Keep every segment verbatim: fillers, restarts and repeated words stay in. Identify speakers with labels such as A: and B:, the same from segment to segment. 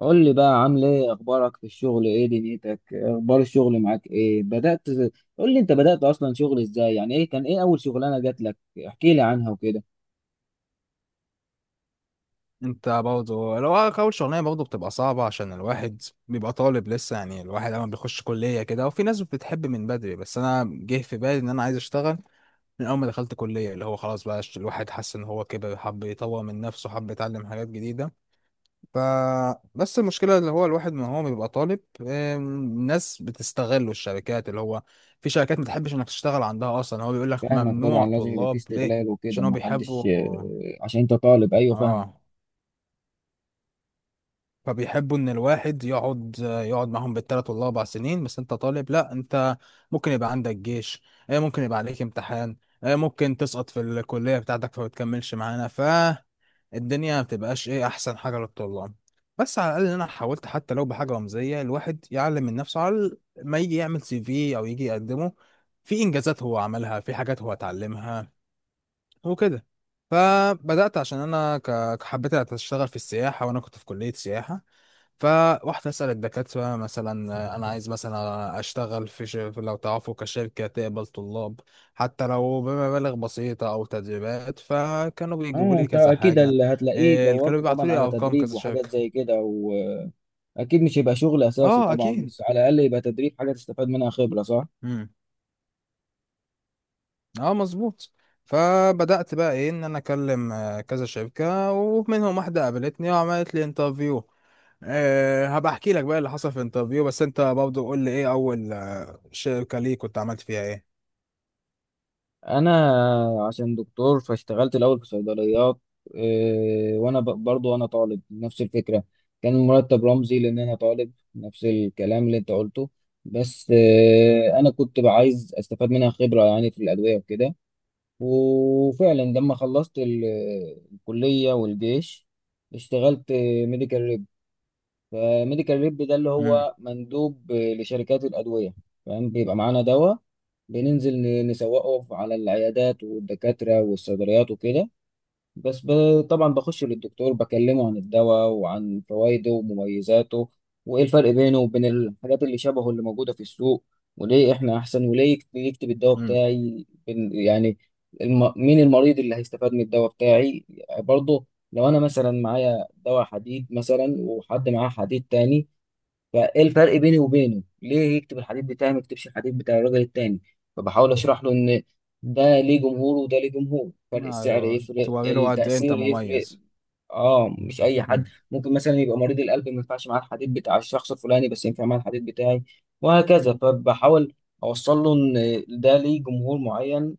A: قول لي بقى، عامل ايه؟ اخبارك في الشغل، ايه دنيتك؟ اخبار الشغل معاك ايه؟ بدأت قول لي، انت بدأت اصلا شغل ازاي؟ يعني ايه كان، ايه اول شغلانة جات لك؟ احكي لي عنها وكده.
B: انت برضه لو اول شغلانه برضه بتبقى صعبه عشان الواحد بيبقى طالب لسه. يعني الواحد اول ما بيخش كليه كده وفي ناس بتحب من بدري، بس انا جه في بالي ان انا عايز اشتغل من اول ما دخلت كليه، اللي هو خلاص بقى الواحد حس ان هو كبر، حب يطور من نفسه، حب يتعلم حاجات جديده. ف بس المشكله اللي هو الواحد ما هو بيبقى طالب، ام، الناس بتستغله، الشركات اللي هو في شركات ما تحبش انك تشتغل عندها اصلا، هو بيقول لك
A: فاهمك طبعا،
B: ممنوع
A: لازم يبقى في
B: طلاب. ليه؟
A: استغلال وكده.
B: عشان هو
A: ما
B: بيحبوا.
A: حدش آه، عشان انت طالب، ايوه فاهمك.
B: اه. فبيحبوا ان الواحد يقعد يقعد معاهم بالثلاث ولا اربع سنين. بس انت طالب، لا، انت ممكن يبقى عندك جيش، آه، ممكن يبقى عليك امتحان، آه، ممكن تسقط في الكلية بتاعتك فما تكملش معانا، فالدنيا ما بتبقاش ايه احسن حاجة للطلاب. بس على الاقل انا حاولت، حتى لو بحاجة رمزية الواحد يعلم من نفسه على ال- ما يجي يعمل سي في او يجي يقدمه، في انجازات هو عملها، في حاجات هو اتعلمها وكده. فبدأت عشان انا ك- حبيت اشتغل في السياحة وانا كنت في كلية سياحة. فروحت أسأل الدكاترة مثلا، آه، أنا عايز مثلا أشتغل في ش... في- لو تعرفوا كشركة تقبل طلاب حتى لو بمبالغ بسيطة أو تدريبات. فكانوا بيجيبوا
A: اه،
B: لي
A: انت
B: كذا
A: اكيد
B: حاجة،
A: اللي هتلاقيه
B: إيه، كانوا
A: دورت
B: بيبعتوا
A: طبعا
B: لي
A: على
B: أرقام
A: تدريب
B: كذا
A: وحاجات
B: شركة.
A: زي كده، واكيد مش هيبقى شغل اساسي
B: أه
A: طبعا،
B: أكيد.
A: بس على الاقل يبقى تدريب، حاجة تستفاد منها خبرة، صح؟
B: مم. أه مظبوط. فبدأت بقى إيه، إن أنا أكلم آه، كذا شركة، ومنهم واحدة قابلتني وعملت لي انترفيو. أه، هبقى أحكي لك بقى اللي حصل في الانترفيو، بس أنت برضه قول لي إيه أول آه، شركة ليك كنت عملت فيها إيه؟
A: انا عشان دكتور فاشتغلت الاول في صيدليات. إيه، وانا ب- برضو انا طالب، نفس الفكره. كان المرتب رمزي لان انا طالب، نفس الكلام اللي انت قلته. بس إيه، انا كنت بقى عايز استفاد منها خبره، يعني في الادويه وكده. وفعلا لما خلصت ال- الكليه والجيش، اشتغلت ميديكال ريب. فميديكال ريب ده اللي هو مندوب لشركات الادويه، فاهم؟ بيبقى معانا دواء، بننزل ن- نسوقه على العيادات والدكاترة والصيدليات وكده. بس ب... طبعا بخش للدكتور، بكلمه عن الدواء وعن فوائده ومميزاته، وإيه الفرق بينه وبين الحاجات اللي شبهه اللي موجودة في السوق، وليه إحنا أحسن، وليه يكت- يكتب الدواء
B: مم.
A: بتاعي، بن- يعني الم... مين المريض اللي هيستفاد من الدواء بتاعي؟ برضه لو أنا مثلا معايا دواء حديد مثلا، وحد معاه حديد تاني، فايه الفرق بيني وبينه؟ ليه يكتب الحديث بتاعي، ما يكتبش الحديث بتاع الراجل التاني؟ فبحاول اشرح له ان ده ليه جمهور، وده ليه جمهور، فرق السعر
B: ايوه،
A: يفرق،
B: توريله قد ايه انت
A: التأثير يفرق.
B: مميز.
A: اه، مش اي حد.
B: مم.
A: ممكن مثلا يبقى مريض القلب ما ينفعش معاه الحديث بتاع الشخص الفلاني، بس ينفع معاه الحديث بتاعي، وهكذا. فبحاول اوصل له ان ده ليه جمهور معين،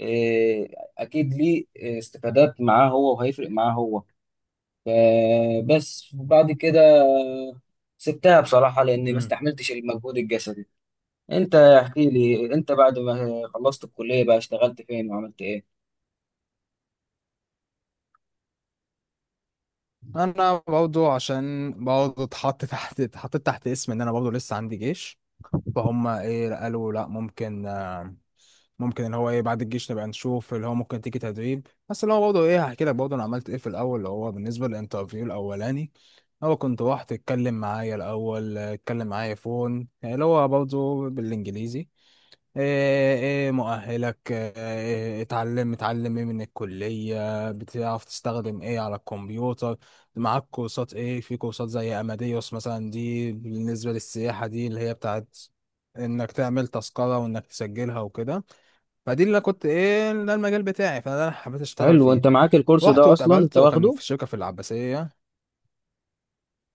A: واكيد ليه استفادات معاه هو وهيفرق معاه هو. فبس، وبعد كده سبتها بصراحة لأني ما
B: مم.
A: استحملتش المجهود الجسدي. أنت احكي لي، أنت بعد ما خلصت الكلية بقى اشتغلت فين وعملت إيه؟
B: انا برضو عشان برضو اتحط تحت، اتحطيت تحت اسم ان انا برضو لسه عندي جيش. فهم ايه قالوا لا ممكن، آه، ممكن ان هو ايه بعد الجيش نبقى نشوف اللي هو ممكن تيجي تدريب. بس اللي هو برضو ايه، هحكي لك برضو انا عملت ايه في الاول اللي هو بالنسبه للانترفيو الاولاني. هو كنت رحت اتكلم معايا، الاول اتكلم معايا فون يعني، اللي هو برضو بالانجليزي. ايه، إيه مؤهلك، إيه اتعلم، متعلم ايه من الكلية، بتعرف تستخدم ايه على الكمبيوتر، معاك كورسات ايه، في كورسات زي اماديوس مثلا، دي بالنسبة للسياحة، دي اللي هي بتاعت انك تعمل تذكرة وانك تسجلها وكده. فدي اللي أنا كنت ايه، ده المجال بتاعي، فده اللي أنا حبيت اشتغل
A: حلو،
B: فيه.
A: أنت معاك الكورس
B: رحت
A: ده أصلا؟ أنت
B: واتقابلت وكان
A: واخده؟
B: في شركة في العباسية.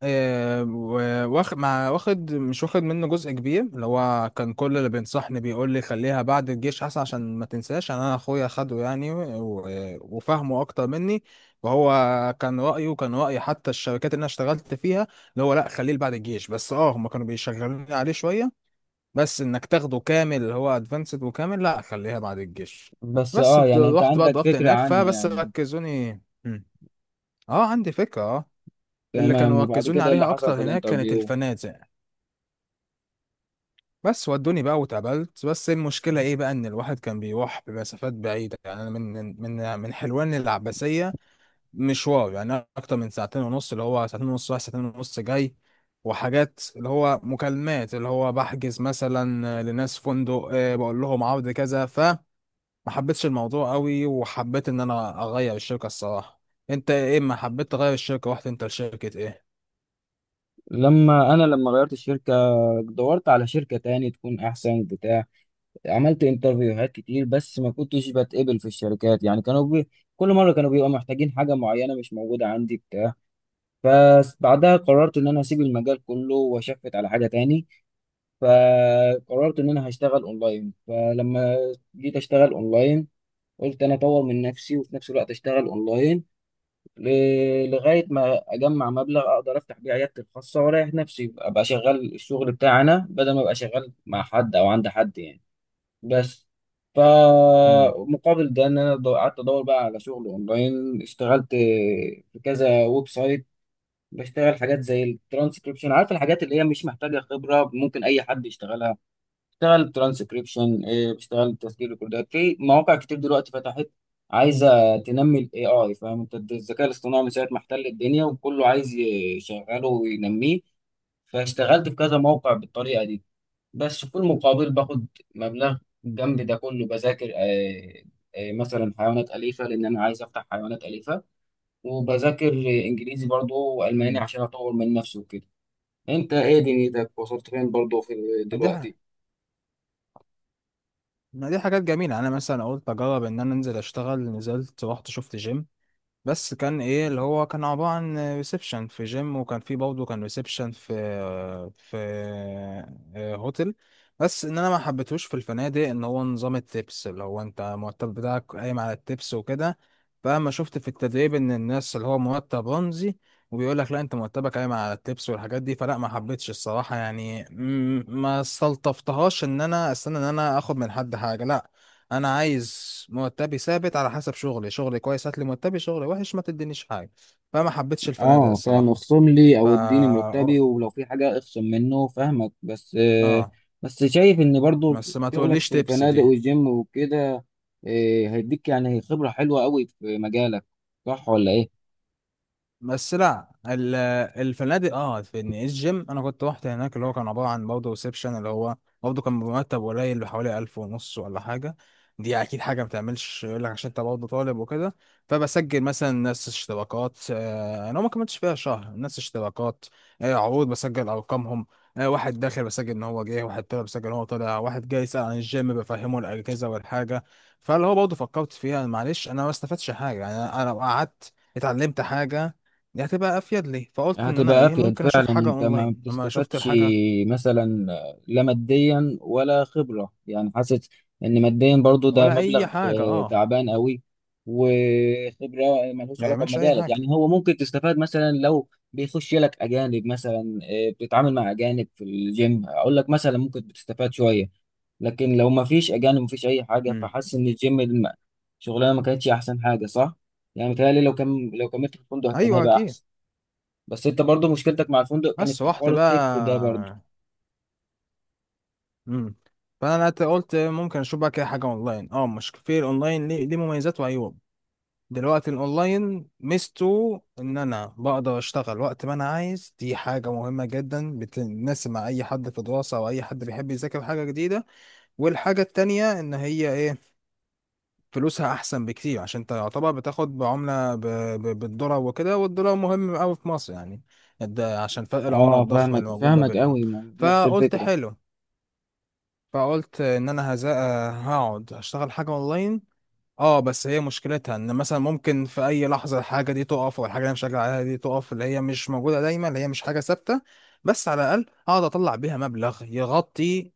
B: آه، و- واخ- مع واخد مش واخد منه جزء كبير، اللي هو كان كل اللي بينصحني بيقول لي خليها بعد الجيش احسن عشان ما تنساش، عشان انا اخويا خده يعني و- وفهمه اكتر مني. وهو كان رايه، كان راي حتى الشركات اللي انا اشتغلت فيها اللي هو لا خليه بعد الجيش. بس اه هم كانوا بيشغلوني عليه شويه، بس انك تاخده كامل اللي هو ادفانسد وكامل، لا خليها بعد الجيش.
A: بس
B: بس
A: أه
B: بت-
A: يعني أنت
B: رحت بقى
A: عندك
B: ضربت
A: فكرة
B: هناك
A: عنه
B: فبس
A: يعني.
B: ركزوني. مم. اه عندي فكره. آه. اللي
A: تمام،
B: كانوا
A: وبعد
B: ركزوني
A: كده إيه اللي
B: عليها
A: حصل
B: اكتر
A: في
B: هناك كانت
A: الانترفيو؟
B: الفنادق. بس ودوني بقى واتقابلت، بس المشكله ايه بقى، ان الواحد كان بيروح بمسافات بعيده، يعني انا من من من حلوان للعباسيه، مشوار يعني اكتر من ساعتين ونص، اللي هو ساعتين ونص رايح ساعتين ونص جاي. وحاجات اللي هو مكالمات اللي هو بحجز مثلا لناس فندق، آه، بقول لهم عرض كذا. فما حبيتش الموضوع قوي وحبيت ان انا اغير الشركه الصراحه. انت ايه، ما حبيت تغير الشركه، رحت انت لشركه ايه؟
A: لما أنا لما غيرت الشركة، دورت على شركة تاني تكون أحسن بتاع. عملت انترفيوهات كتير، بس ما كنتش بتقبل في الشركات. يعني كانوا بي... كل مره كانوا بيبقوا محتاجين حاجه معينه مش موجوده عندي بتاع. فبعدها قررت ان انا اسيب المجال كله واشفت على حاجه تاني. فقررت ان انا هشتغل اونلاين. فلما جيت اشتغل اونلاين، قلت انا اطور من نفسي وفي نفس الوقت اشتغل اونلاين، ل... لغايه ما اجمع مبلغ اقدر افتح بيه عيادتي الخاصه، واريح نفسي، ابقى شغال الشغل بتاعي انا، بدل ما ابقى شغال مع حد او عند حد يعني. بس
B: امم.
A: فمقابل ده ان انا دو- قعدت ادور بقى على شغل اونلاين، اشتغلت في كذا ويب سايت، بشتغل حاجات زي الترانسكريبشن. عارف الحاجات اللي هي مش محتاجه خبره، ممكن اي حد يشتغلها. اشتغل ترانسكريبشن، بشتغل تسجيل ريكوردات في مواقع كتير دلوقتي فتحت، عايزه تنمي الاي اي، فاهم انت؟ الذكاء الاصطناعي من ساعه ما احتل الدنيا، وكله عايز يشغله وينميه. فاشتغلت في كذا موقع بالطريقه دي، بس في المقابل باخد مبلغ. جنب ده كله، بذاكر آه، آه، مثلا حيوانات أليفة، لأن أنا عايز أفتح حيوانات أليفة. وبذاكر آه، إنجليزي برضه وألماني
B: مم.
A: عشان أطور من نفسي وكده. أنت إيه دنيتك؟ وصلت فين برضه في
B: دي،
A: دلوقتي؟
B: ما دي حاجات جميلة يعني. أنا مثلا قلت أجرب إن أنا أنزل أشتغل، نزلت رحت شفت جيم، بس كان ايه اللي هو كان عبارة عن ريسبشن في جيم. وكان في برضه كان ريسبشن في في آه، هوتل. بس ان انا ما حبيتهوش في الفنادق ان هو نظام التبس، اللي هو انت المرتب بتاعك قايم على التبس وكده. فاما شفت في التدريب ان الناس اللي هو مرتب رمزي، وبيقول لك لا انت مرتبك قايم على التبس والحاجات دي، فلا، ما حبيتش الصراحة يعني، م- ما استلطفتهاش ان انا استنى ان انا اخد من حد حاجة. لا، انا عايز مرتبي ثابت على حسب شغلي. شغلي كويس، هات لي مرتبي. شغلي وحش، ما تدينيش حاجه. فما حبيتش الفنادق
A: اه فاهم،
B: الصراحه.
A: اخصم لي
B: فا
A: او اديني مرتبي،
B: اه.
A: ولو في حاجه اخصم منه، فاهمك. بس آه،
B: آه.
A: بس شايف ان برضه
B: بس ما
A: شغلك
B: تقوليش
A: في
B: تبس
A: الفنادق
B: دي.
A: والجيم وكده آه، هيديك يعني خبره حلوه قوي في مجالك، صح ولا ايه؟
B: بس لا، ال- الفنادق اه. في إن الجيم انا كنت رحت هناك اللي هو كان عباره عن برضه ريسبشن، اللي هو برضه كان بمرتب قليل، بحوالي ألف ونص ولا حاجه، دي اكيد حاجه ما بتعملش، يقول لك عشان انت برضه طالب وكده. فبسجل مثلا ناس اشتراكات، آه، انا ما كملتش فيها شهر، ناس اشتراكات، آه، عروض بسجل ارقامهم، آه، واحد داخل بسجل ان هو جه، واحد طلع بسجل ان هو طلع، واحد جاي يسال عن الجيم بفهمه الاجهزه والحاجه. فاللي هو برضه فكرت فيها معلش، انا ما استفدتش حاجه يعني، انا أنا لو قعدت اتعلمت حاجه دي هتبقى افيد لي. فقلت ان انا
A: هتبقى
B: ايه،
A: افيد
B: ممكن اشوف
A: فعلا،
B: حاجه
A: انت ما
B: اونلاين. لما شفت
A: بتستفادش
B: الحاجه،
A: مثلا لا ماديا ولا خبرة. يعني حاسس ان ماديا برضو ده
B: ولا
A: مبلغ
B: اي حاجه
A: آه،
B: اه،
A: تعبان قوي، وخبرة ملهوش
B: ما
A: علاقة
B: يعملش اي
A: بمجالك.
B: حاجه.
A: يعني هو ممكن تستفاد مثلا لو بيخش لك اجانب، مثلا آه، بتتعامل مع اجانب في الجيم، اقول لك مثلا ممكن بتستفاد شوية. لكن لو ما فيش اجانب، ما فيش اي حاجة.
B: امم.
A: فحاسس ان الجيم الم- شغلانة ما كانتش احسن حاجة، صح؟ يعني متهيألي لو كان لو كملت في الفندق كان
B: ايوه
A: هيبقى
B: اكيد.
A: احسن. بس انت برضو مشكلتك مع الفندق كانت
B: بس
A: في
B: رحت
A: حوار
B: بقى.
A: التكس ده برضو.
B: امم. فانا قلت قلت ممكن اشوف بقى كده حاجه اونلاين. اه مش في الاونلاين، ليه ليه مميزات وعيوب. دلوقتي الاونلاين ميزته ان انا بقدر اشتغل وقت ما انا عايز، دي حاجه مهمه جدا بتناسب مع اي حد في دراسه او اي حد بيحب يذاكر حاجه جديده. والحاجه التانية ان هي ايه، فلوسها احسن بكتير، عشان انت يعتبر بتاخد بعمله ب... ب... بالدولار وكده، والدولار مهم قوي في مصر يعني، ده عشان فرق العمله
A: اه
B: الضخم
A: فاهمك،
B: اللي موجود ما
A: فاهمك
B: بينهم.
A: قوي ما- نفس
B: فقلت
A: الفكرة.
B: حلو، فقلت ان انا هز... هقعد اشتغل حاجه اونلاين. اه بس هي مشكلتها ان مثلا ممكن في اي لحظه الحاجه دي تقف، والحاجه اللي انا شغال عليها دي تقف، اللي هي مش موجوده دايما، اللي هي مش حاجه ثابته. بس على الاقل اقعد اطلع بيها مبلغ يغطي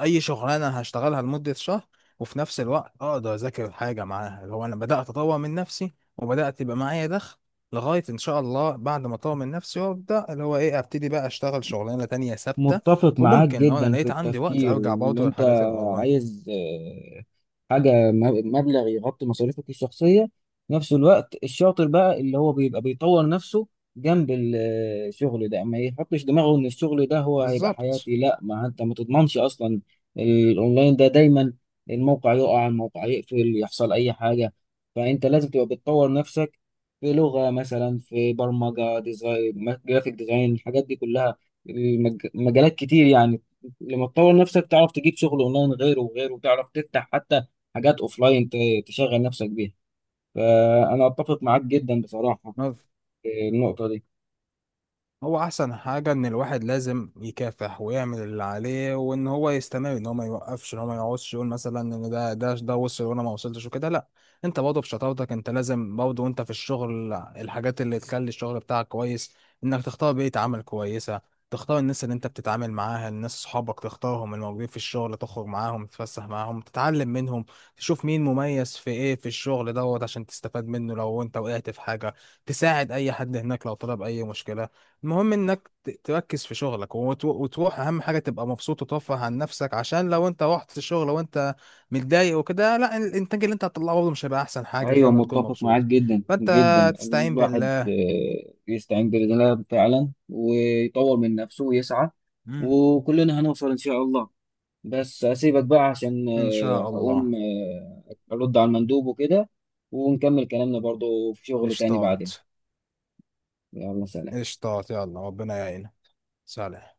B: اي شغلانه هشتغلها لمده شهر، وفي نفس الوقت اقدر اذاكر حاجه معاها، اللي هو انا بدات اطور من نفسي وبدات يبقى معايا دخل، لغايه ان شاء الله بعد ما اطور من نفسي وابدا اللي هو ايه، ابتدي بقى اشتغل شغلانه تانية ثابته.
A: متفق معاك
B: وممكن لو انا
A: جدا في
B: لقيت عندي وقت
A: التفكير
B: ارجع
A: اللي
B: برضه
A: انت
B: للحاجات الاونلاين.
A: عايز. آه، حاجة م- مبلغ يغطي مصاريفك الشخصية، في نفس الوقت الشاطر بقى اللي هو بيبقى بيطور نفسه جنب ال- آه، الشغل ده، ما يحطش دماغه ان الشغل ده هو هيبقى
B: بالظبط.
A: حياتي، لا. ما انت ما تضمنش اصلا، الاونلاين ده دايما الموقع يقع، الموقع يقفل، يحصل اي حاجة. فانت لازم تبقى بتطور نفسك في لغة مثلا، في برمجة، ديزاين، جرافيك ديزاين، الحاجات دي كلها. المج- مجالات كتير يعني. لما تطور نفسك تعرف تجيب شغل اونلاين غيره وغيره، وتعرف تفتح حتى حاجات اوفلاين ت- تشغل نفسك بيها. فانا اتفق معاك جدا بصراحة في النقطة دي.
B: هو احسن حاجة ان الواحد لازم يكافح ويعمل اللي عليه، وان هو يستمر، ان هو ما يوقفش، ان هو ما يقعدش يقول مثلا ان ده ده ده وصل وانا ما وصلتش وكده، لا. انت برضه بشطارتك، انت لازم برضه وانت في الشغل الحاجات اللي تخلي الشغل بتاعك كويس، انك تختار بيئة عمل كويسة، تختار الناس اللي انت بتتعامل معاها، الناس صحابك تختارهم الموجودين في الشغل، تخرج معاهم تتفسح معاهم تتعلم منهم، تشوف مين مميز في ايه في الشغل دوت عشان تستفاد منه لو انت وقعت في حاجة، تساعد اي حد هناك لو طلب، اي مشكلة المهم انك ت- تركز في شغلك، وت- وتروح. اهم حاجه تبقى مبسوط وترفه عن نفسك، عشان لو انت رحت الشغل وانت متضايق وكده، لا، الانتاج اللي انت هتطلعه برضه مش هيبقى احسن حاجه
A: ايوه،
B: غير ما تكون
A: متفق معاك
B: مبسوط.
A: جدا
B: فانت
A: جدا.
B: تستعين
A: الواحد
B: بالله.
A: آه، يستعين بالله فعلا ويطور من نفسه ويسعى،
B: مم.
A: وكلنا هنوصل ان شاء الله. بس اسيبك بقى عشان
B: ان
A: آه،
B: شاء
A: هقوم
B: الله.
A: آه، ارد على المندوب وكده، ونكمل كلامنا برضو في شغل تاني بعدين.
B: اشطات.
A: يلا، سلام.
B: اشطات يلا ربنا يعينك. سلام.